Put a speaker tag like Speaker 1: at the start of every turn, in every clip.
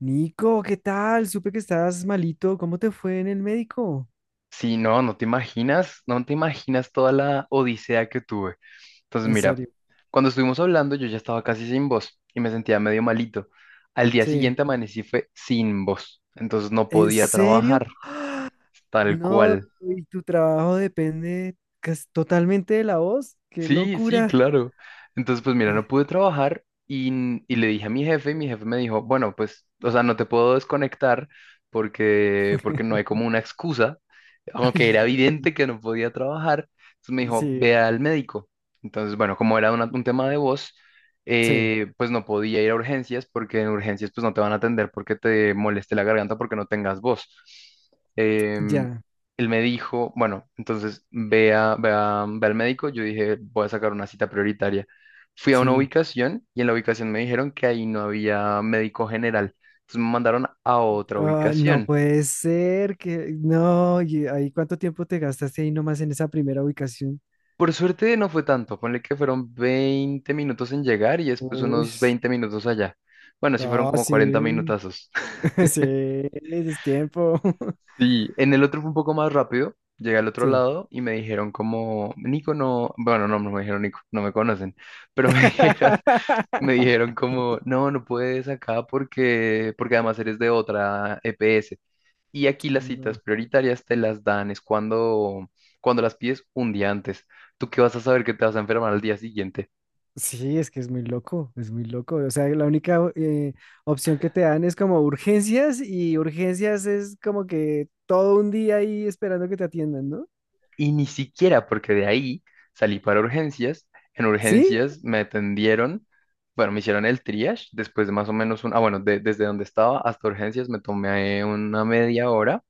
Speaker 1: Nico, ¿qué tal? Supe que estabas malito. ¿Cómo te fue en el médico?
Speaker 2: Sí, no, no te imaginas, no te imaginas toda la odisea que tuve. Entonces,
Speaker 1: En
Speaker 2: mira,
Speaker 1: serio.
Speaker 2: cuando estuvimos hablando, yo ya estaba casi sin voz y me sentía medio malito. Al día
Speaker 1: Sí.
Speaker 2: siguiente amanecí fue sin voz, entonces no
Speaker 1: ¿En
Speaker 2: podía
Speaker 1: serio?
Speaker 2: trabajar, tal
Speaker 1: No,
Speaker 2: cual.
Speaker 1: y tu trabajo depende totalmente de la voz. ¡Qué
Speaker 2: Sí, sí,
Speaker 1: locura!
Speaker 2: claro. Entonces, pues mira, no pude trabajar y le dije a mi jefe y mi jefe me dijo, bueno, pues, o sea, no te puedo desconectar porque no hay como una excusa, aunque
Speaker 1: Ay,
Speaker 2: era
Speaker 1: Dios.
Speaker 2: evidente que no podía trabajar. Entonces me dijo, ve
Speaker 1: Sí,
Speaker 2: al médico. Entonces, bueno, como era un tema de voz,
Speaker 1: sí,
Speaker 2: pues no podía ir a urgencias porque en urgencias pues no te van a atender porque te moleste la garganta porque no tengas voz. Em,
Speaker 1: ya,
Speaker 2: Él me dijo, bueno, entonces ve al médico. Yo dije, voy a sacar una cita prioritaria. Fui a una
Speaker 1: sí.
Speaker 2: ubicación y en la ubicación me dijeron que ahí no había médico general. Entonces me mandaron a otra
Speaker 1: Ay, no
Speaker 2: ubicación.
Speaker 1: puede ser que... No, ¿y ahí cuánto tiempo te gastaste ahí nomás en esa primera ubicación?
Speaker 2: Por suerte no fue tanto, ponle que fueron 20 minutos en llegar y después
Speaker 1: Uy,
Speaker 2: unos 20 minutos allá. Bueno, sí fueron
Speaker 1: ah,
Speaker 2: como 40
Speaker 1: sí,
Speaker 2: minutazos.
Speaker 1: sí, es tiempo.
Speaker 2: Sí, en el otro fue un poco más rápido. Llegué al otro
Speaker 1: Sí.
Speaker 2: lado y me dijeron como, Nico, no, bueno, no, no me dijeron Nico, no me conocen, pero me dijeron. Me dijeron como, no, no puedes acá porque además eres de otra EPS. Y aquí las citas
Speaker 1: No.
Speaker 2: prioritarias te las dan, es cuando las pides un día antes. ¿Tú qué vas a saber que te vas a enfermar al día siguiente?
Speaker 1: Sí, es que es muy loco, es muy loco. O sea, la única opción que te dan es como urgencias y urgencias es como que todo un día ahí esperando que te atiendan, ¿no?
Speaker 2: Y ni siquiera porque de ahí salí para urgencias. En
Speaker 1: ¿Sí?
Speaker 2: urgencias me atendieron, bueno, me hicieron el triage, después de más o menos bueno, desde donde estaba hasta urgencias me tomé una media hora.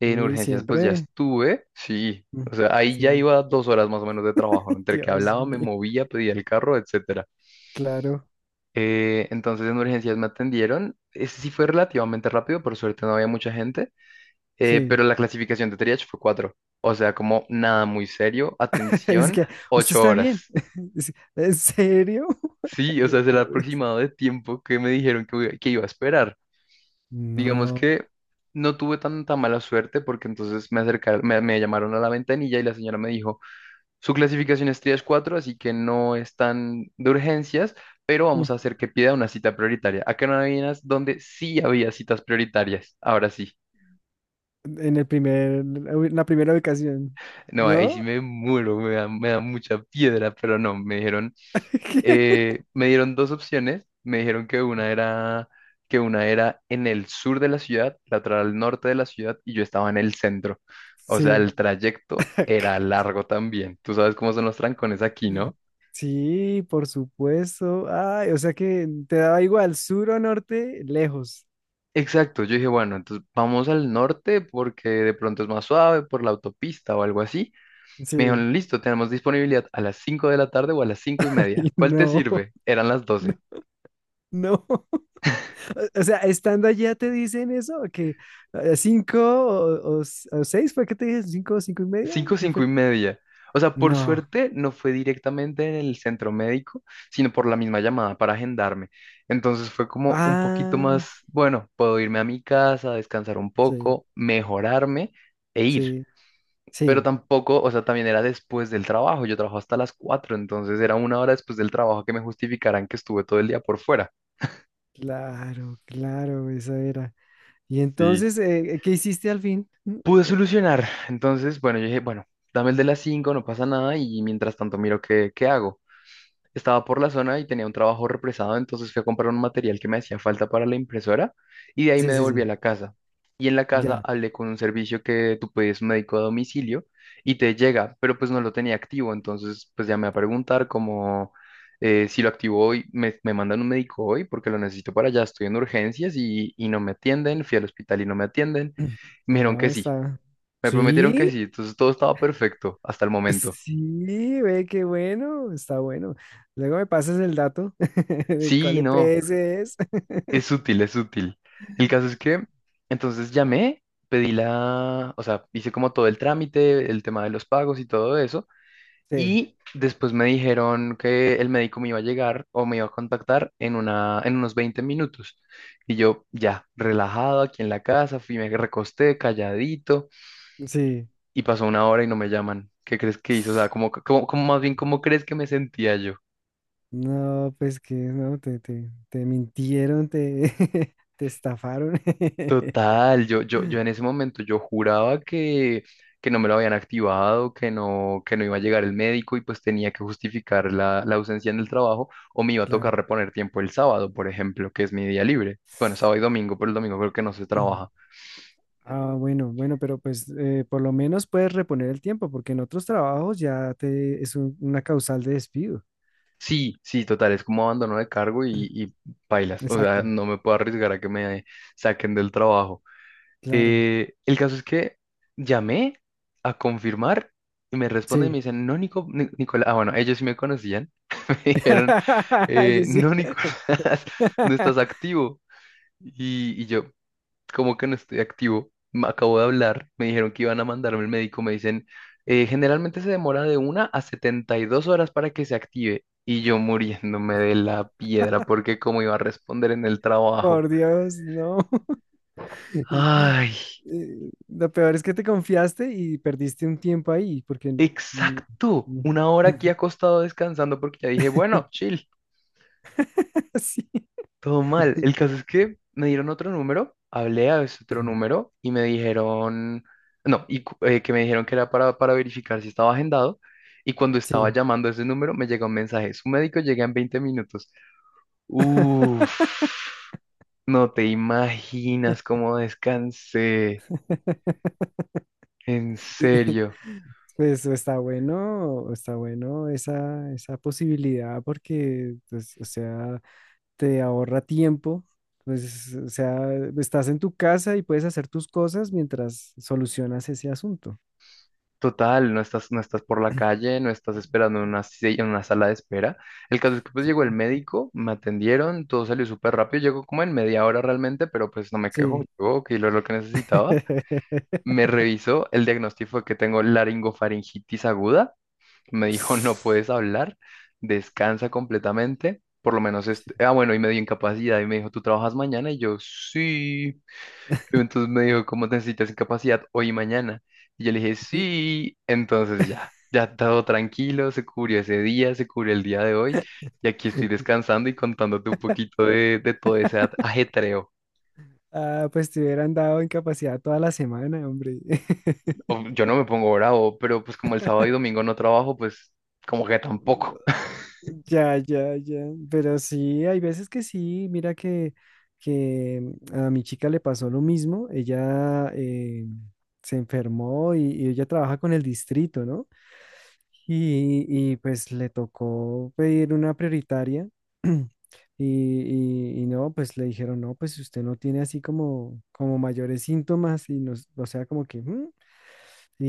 Speaker 2: En
Speaker 1: Uy,
Speaker 2: urgencias, pues ya
Speaker 1: siempre.
Speaker 2: estuve, sí.
Speaker 1: Mm,
Speaker 2: O sea, ahí ya
Speaker 1: sí,
Speaker 2: iba 2 horas más o menos de trabajo, entre que
Speaker 1: Dios
Speaker 2: hablaba, me
Speaker 1: mío,
Speaker 2: movía, pedía el carro, etcétera.
Speaker 1: claro,
Speaker 2: Entonces en urgencias me atendieron. Ese sí fue relativamente rápido, por suerte no había mucha gente,
Speaker 1: sí.
Speaker 2: pero la clasificación de triage fue 4. O sea, como nada muy serio,
Speaker 1: Es
Speaker 2: atención,
Speaker 1: que usted
Speaker 2: ocho
Speaker 1: está bien.
Speaker 2: horas.
Speaker 1: ¿En serio?
Speaker 2: Sí, o
Speaker 1: De
Speaker 2: sea, es el
Speaker 1: por
Speaker 2: aproximado de tiempo que me dijeron que iba a esperar. Digamos
Speaker 1: no.
Speaker 2: que no tuve tanta mala suerte porque entonces me acercaron, me llamaron a la ventanilla y la señora me dijo, su clasificación es tres cuatro, así que no es tan de urgencias, pero
Speaker 1: Mm,
Speaker 2: vamos a hacer que pida una cita prioritaria. Acá no adivinas donde sí había citas prioritarias. Ahora sí.
Speaker 1: en el primer, en la primera ubicación,
Speaker 2: No, ahí sí
Speaker 1: ¿no?
Speaker 2: me muero, me da mucha piedra, pero no, me dijeron, me dieron dos opciones. Me dijeron que una era en el sur de la ciudad, la otra al norte de la ciudad, y yo estaba en el centro. O sea,
Speaker 1: Sí.
Speaker 2: el trayecto era largo también. Tú sabes cómo son los trancones aquí, ¿no?
Speaker 1: Sí, por supuesto. Ay, o sea que te daba igual sur o norte, lejos.
Speaker 2: Exacto, yo dije, bueno, entonces vamos al norte porque de pronto es más suave por la autopista o algo así. Me
Speaker 1: Sí.
Speaker 2: dijeron, listo, tenemos disponibilidad a las 5 de la tarde o a las 5 y media.
Speaker 1: Ay,
Speaker 2: ¿Cuál te
Speaker 1: no,
Speaker 2: sirve? Eran las
Speaker 1: no,
Speaker 2: 12.
Speaker 1: no. O sea, estando allá te dicen eso, que cinco o, o seis, ¿fue que te dije? ¿Cinco o cinco y media?
Speaker 2: 5,
Speaker 1: ¿Qué
Speaker 2: 5
Speaker 1: fue?
Speaker 2: y media. O sea, por
Speaker 1: No.
Speaker 2: suerte no fue directamente en el centro médico, sino por la misma llamada para agendarme. Entonces fue como un poquito
Speaker 1: Ah,
Speaker 2: más, bueno, puedo irme a mi casa, descansar un
Speaker 1: sí,
Speaker 2: poco, mejorarme e ir.
Speaker 1: sí,
Speaker 2: Pero
Speaker 1: sí.
Speaker 2: tampoco, o sea, también era después del trabajo, yo trabajo hasta las 4, entonces era 1 hora después del trabajo que me justificaran que estuve todo el día por fuera.
Speaker 1: Claro, claro, esa era. Y
Speaker 2: Sí,
Speaker 1: entonces, ¿qué hiciste al fin?
Speaker 2: pude solucionar, entonces, bueno, yo dije, bueno, dame el de las 5, no pasa nada y mientras tanto miro qué hago. Estaba por la zona y tenía un trabajo represado, entonces fui a comprar un material que me hacía falta para la impresora y de ahí
Speaker 1: Sí,
Speaker 2: me
Speaker 1: sí,
Speaker 2: devolví a
Speaker 1: sí,
Speaker 2: la casa. Y en la casa
Speaker 1: ya.
Speaker 2: hablé con un servicio que tú pedías un médico a domicilio y te llega, pero pues no lo tenía activo, entonces pues llamé a preguntar como, si lo activo hoy, me mandan un médico hoy porque lo necesito para allá, estoy en urgencias y no me atienden, fui al hospital y no me atienden. Me dijeron
Speaker 1: Oh,
Speaker 2: que sí,
Speaker 1: está.
Speaker 2: me prometieron que
Speaker 1: Sí.
Speaker 2: sí, entonces todo estaba perfecto hasta el momento.
Speaker 1: Sí, ve qué bueno, está bueno. Luego me pasas el dato de cuál
Speaker 2: Sí, no.
Speaker 1: EPS es.
Speaker 2: Es útil, es útil. El caso es que entonces llamé, o sea, hice como todo el trámite, el tema de los pagos y todo eso,
Speaker 1: Sí,
Speaker 2: y después me dijeron que el médico me iba a llegar o me iba a contactar en unos 20 minutos. Y yo ya, relajado aquí en la casa, fui, me recosté calladito
Speaker 1: sí.
Speaker 2: y pasó 1 hora y no me llaman. ¿Qué crees que hizo? O sea, como más bien, ¿cómo crees que me sentía yo?
Speaker 1: No, pues que no, te mintieron, te, te estafaron.
Speaker 2: Total, yo en ese momento yo juraba que no me lo habían activado, que no iba a llegar el médico y pues tenía que justificar la ausencia en el trabajo o me iba a
Speaker 1: Claro.
Speaker 2: tocar reponer tiempo el sábado, por ejemplo, que es mi día libre. Bueno, sábado y domingo, pero el domingo creo que no se trabaja.
Speaker 1: Ah, bueno, bueno, pero pues por lo menos puedes reponer el tiempo, porque en otros trabajos ya te es una causal de despido.
Speaker 2: Sí, sí, total, es como abandono de cargo y, y pailas, o sea,
Speaker 1: Exacto,
Speaker 2: no me puedo arriesgar a que me saquen del trabajo.
Speaker 1: claro.
Speaker 2: El caso es que llamé a confirmar y me responden y
Speaker 1: Sí.
Speaker 2: me dicen, no, Nico, Nicolás, bueno, ellos sí me conocían, me dijeron,
Speaker 1: Yo sí.
Speaker 2: no, Nicolás, no estás activo. Y yo, ¿cómo que no estoy activo? Me acabo de hablar, me dijeron que iban a mandarme el médico, me dicen, Generalmente se demora de 1 a 72 horas para que se active". Y yo muriéndome de la piedra porque cómo iba a responder en el trabajo.
Speaker 1: Por Dios, no.
Speaker 2: Ay.
Speaker 1: Lo peor es que te confiaste y perdiste un tiempo ahí, porque... mm,
Speaker 2: Exacto,
Speaker 1: mm,
Speaker 2: 1 hora aquí acostado descansando porque ya dije, bueno, chill,
Speaker 1: sí,
Speaker 2: todo mal. El caso es que me dieron otro número, hablé a ese otro número y me dijeron, no, y que me dijeron que era para verificar si estaba agendado. Y cuando estaba
Speaker 1: sí.
Speaker 2: llamando a ese número me llegó un mensaje, su médico llega en 20 minutos. Uf, no te imaginas cómo descansé, en
Speaker 1: Y-
Speaker 2: serio.
Speaker 1: Pues está bueno esa posibilidad porque, pues, o sea, te ahorra tiempo, pues, o sea, estás en tu casa y puedes hacer tus cosas mientras solucionas ese asunto.
Speaker 2: Total, no estás, no estás por la calle, no estás esperando en una, si- en una sala de espera. El caso es que pues
Speaker 1: Sí.
Speaker 2: llegó el médico, me atendieron, todo salió súper rápido, llegó como en media hora realmente, pero pues no me quejo,
Speaker 1: Sí.
Speaker 2: llegó, que lo que necesitaba. Me revisó, el diagnóstico fue que tengo laringofaringitis aguda, me dijo no puedes hablar, descansa completamente, por lo menos,
Speaker 1: Sí.
Speaker 2: bueno, y me dio incapacidad y me dijo tú trabajas mañana y yo sí. Entonces me dijo, ¿cómo necesitas incapacidad hoy y mañana? Y yo le dije,
Speaker 1: Y-
Speaker 2: sí. Entonces ya, ya todo tranquilo, se cubrió ese día, se cubrió el día de hoy. Y aquí estoy descansando y contándote un poquito de todo ese ajetreo.
Speaker 1: Ah, pues te hubieran dado incapacidad toda la semana, hombre.
Speaker 2: Yo no me pongo bravo, pero pues como el sábado y domingo no trabajo, pues como que tampoco.
Speaker 1: Ya, ya, ya. Pero sí, hay veces que sí. Mira que, que mm, a mi chica le pasó lo mismo. Ella se enfermó y ella trabaja con el distrito, ¿no? Y, y, pues le tocó pedir una prioritaria. Y, y no, pues le dijeron, no, pues usted no tiene así como, como mayores síntomas y nos, o sea, como que... "Mm". Y,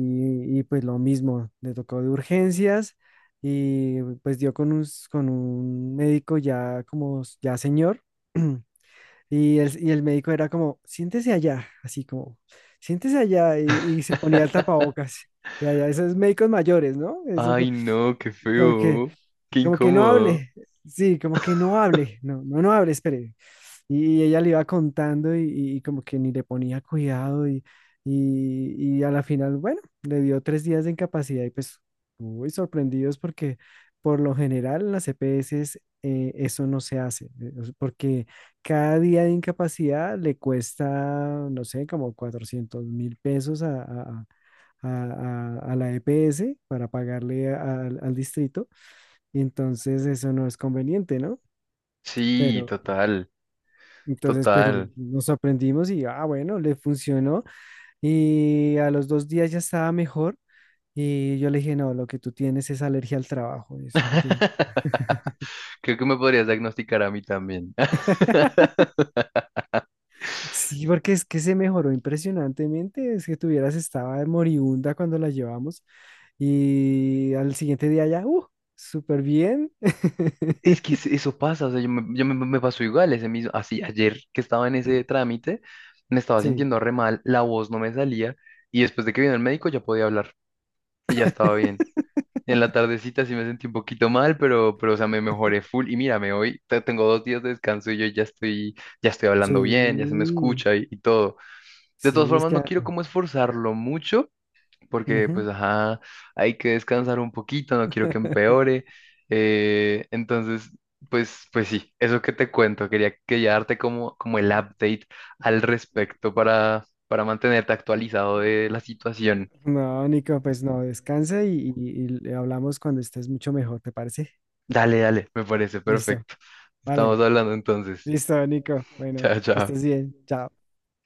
Speaker 1: y, pues lo mismo, le tocó de urgencias y pues dio con un, con un médico ya como ya señor. Y el, y el médico era como, siéntese allá, así como, siéntese allá y se ponía el tapabocas. Ya, ya, esos médicos mayores, ¿no? Esos
Speaker 2: Ay, no, qué
Speaker 1: como que,
Speaker 2: feo, qué
Speaker 1: como que no
Speaker 2: incómodo.
Speaker 1: hable, sí, como que no hable, no, no, no hable, espere. Y ella le iba contando y como que ni le ponía cuidado y a la final, bueno, le dio 3 días de incapacidad y pues muy sorprendidos porque por lo general en las EPS eso no se hace, o sea, porque cada día de incapacidad le cuesta, no sé, como $400.000 a, a, a la EPS para pagarle al distrito, y entonces eso no es conveniente, ¿no?
Speaker 2: Sí,
Speaker 1: Pero
Speaker 2: total,
Speaker 1: entonces, pero
Speaker 2: total.
Speaker 1: nos aprendimos y, ah, bueno, le funcionó y a los 2 días ya estaba mejor y yo le dije, no, lo que tú tienes es alergia al trabajo, eso es lo que...
Speaker 2: Creo que me podrías diagnosticar a mí también.
Speaker 1: Sí, porque es que se mejoró impresionantemente, es que tuvieras, estaba moribunda cuando la llevamos y al siguiente día ya, súper bien.
Speaker 2: Es que eso pasa, o sea, me pasó igual ese mismo, así ayer que estaba en ese trámite, me estaba
Speaker 1: Sí.
Speaker 2: sintiendo re mal, la voz no me salía y después de que vino el médico ya podía hablar y ya estaba bien. En la tardecita sí me sentí un poquito mal, pero o sea, me mejoré full y mírame, hoy tengo 2 días de descanso y yo ya estoy hablando bien, ya se me
Speaker 1: Sí,
Speaker 2: escucha y todo. De todas
Speaker 1: sí, es
Speaker 2: formas,
Speaker 1: que...
Speaker 2: no
Speaker 1: a-
Speaker 2: quiero como esforzarlo mucho porque
Speaker 1: ujú.
Speaker 2: pues ajá, hay que descansar un poquito, no quiero que empeore. Entonces, pues sí, eso que te cuento, quería darte como el update al respecto para, mantenerte actualizado de la situación.
Speaker 1: No, Nico, pues no, descansa y, y le hablamos cuando estés mucho mejor, ¿te parece?
Speaker 2: Dale, dale, me parece
Speaker 1: Listo,
Speaker 2: perfecto.
Speaker 1: vale,
Speaker 2: Estamos hablando entonces.
Speaker 1: listo, Nico. Bueno,
Speaker 2: Chao,
Speaker 1: que
Speaker 2: chao.
Speaker 1: estés bien, chao.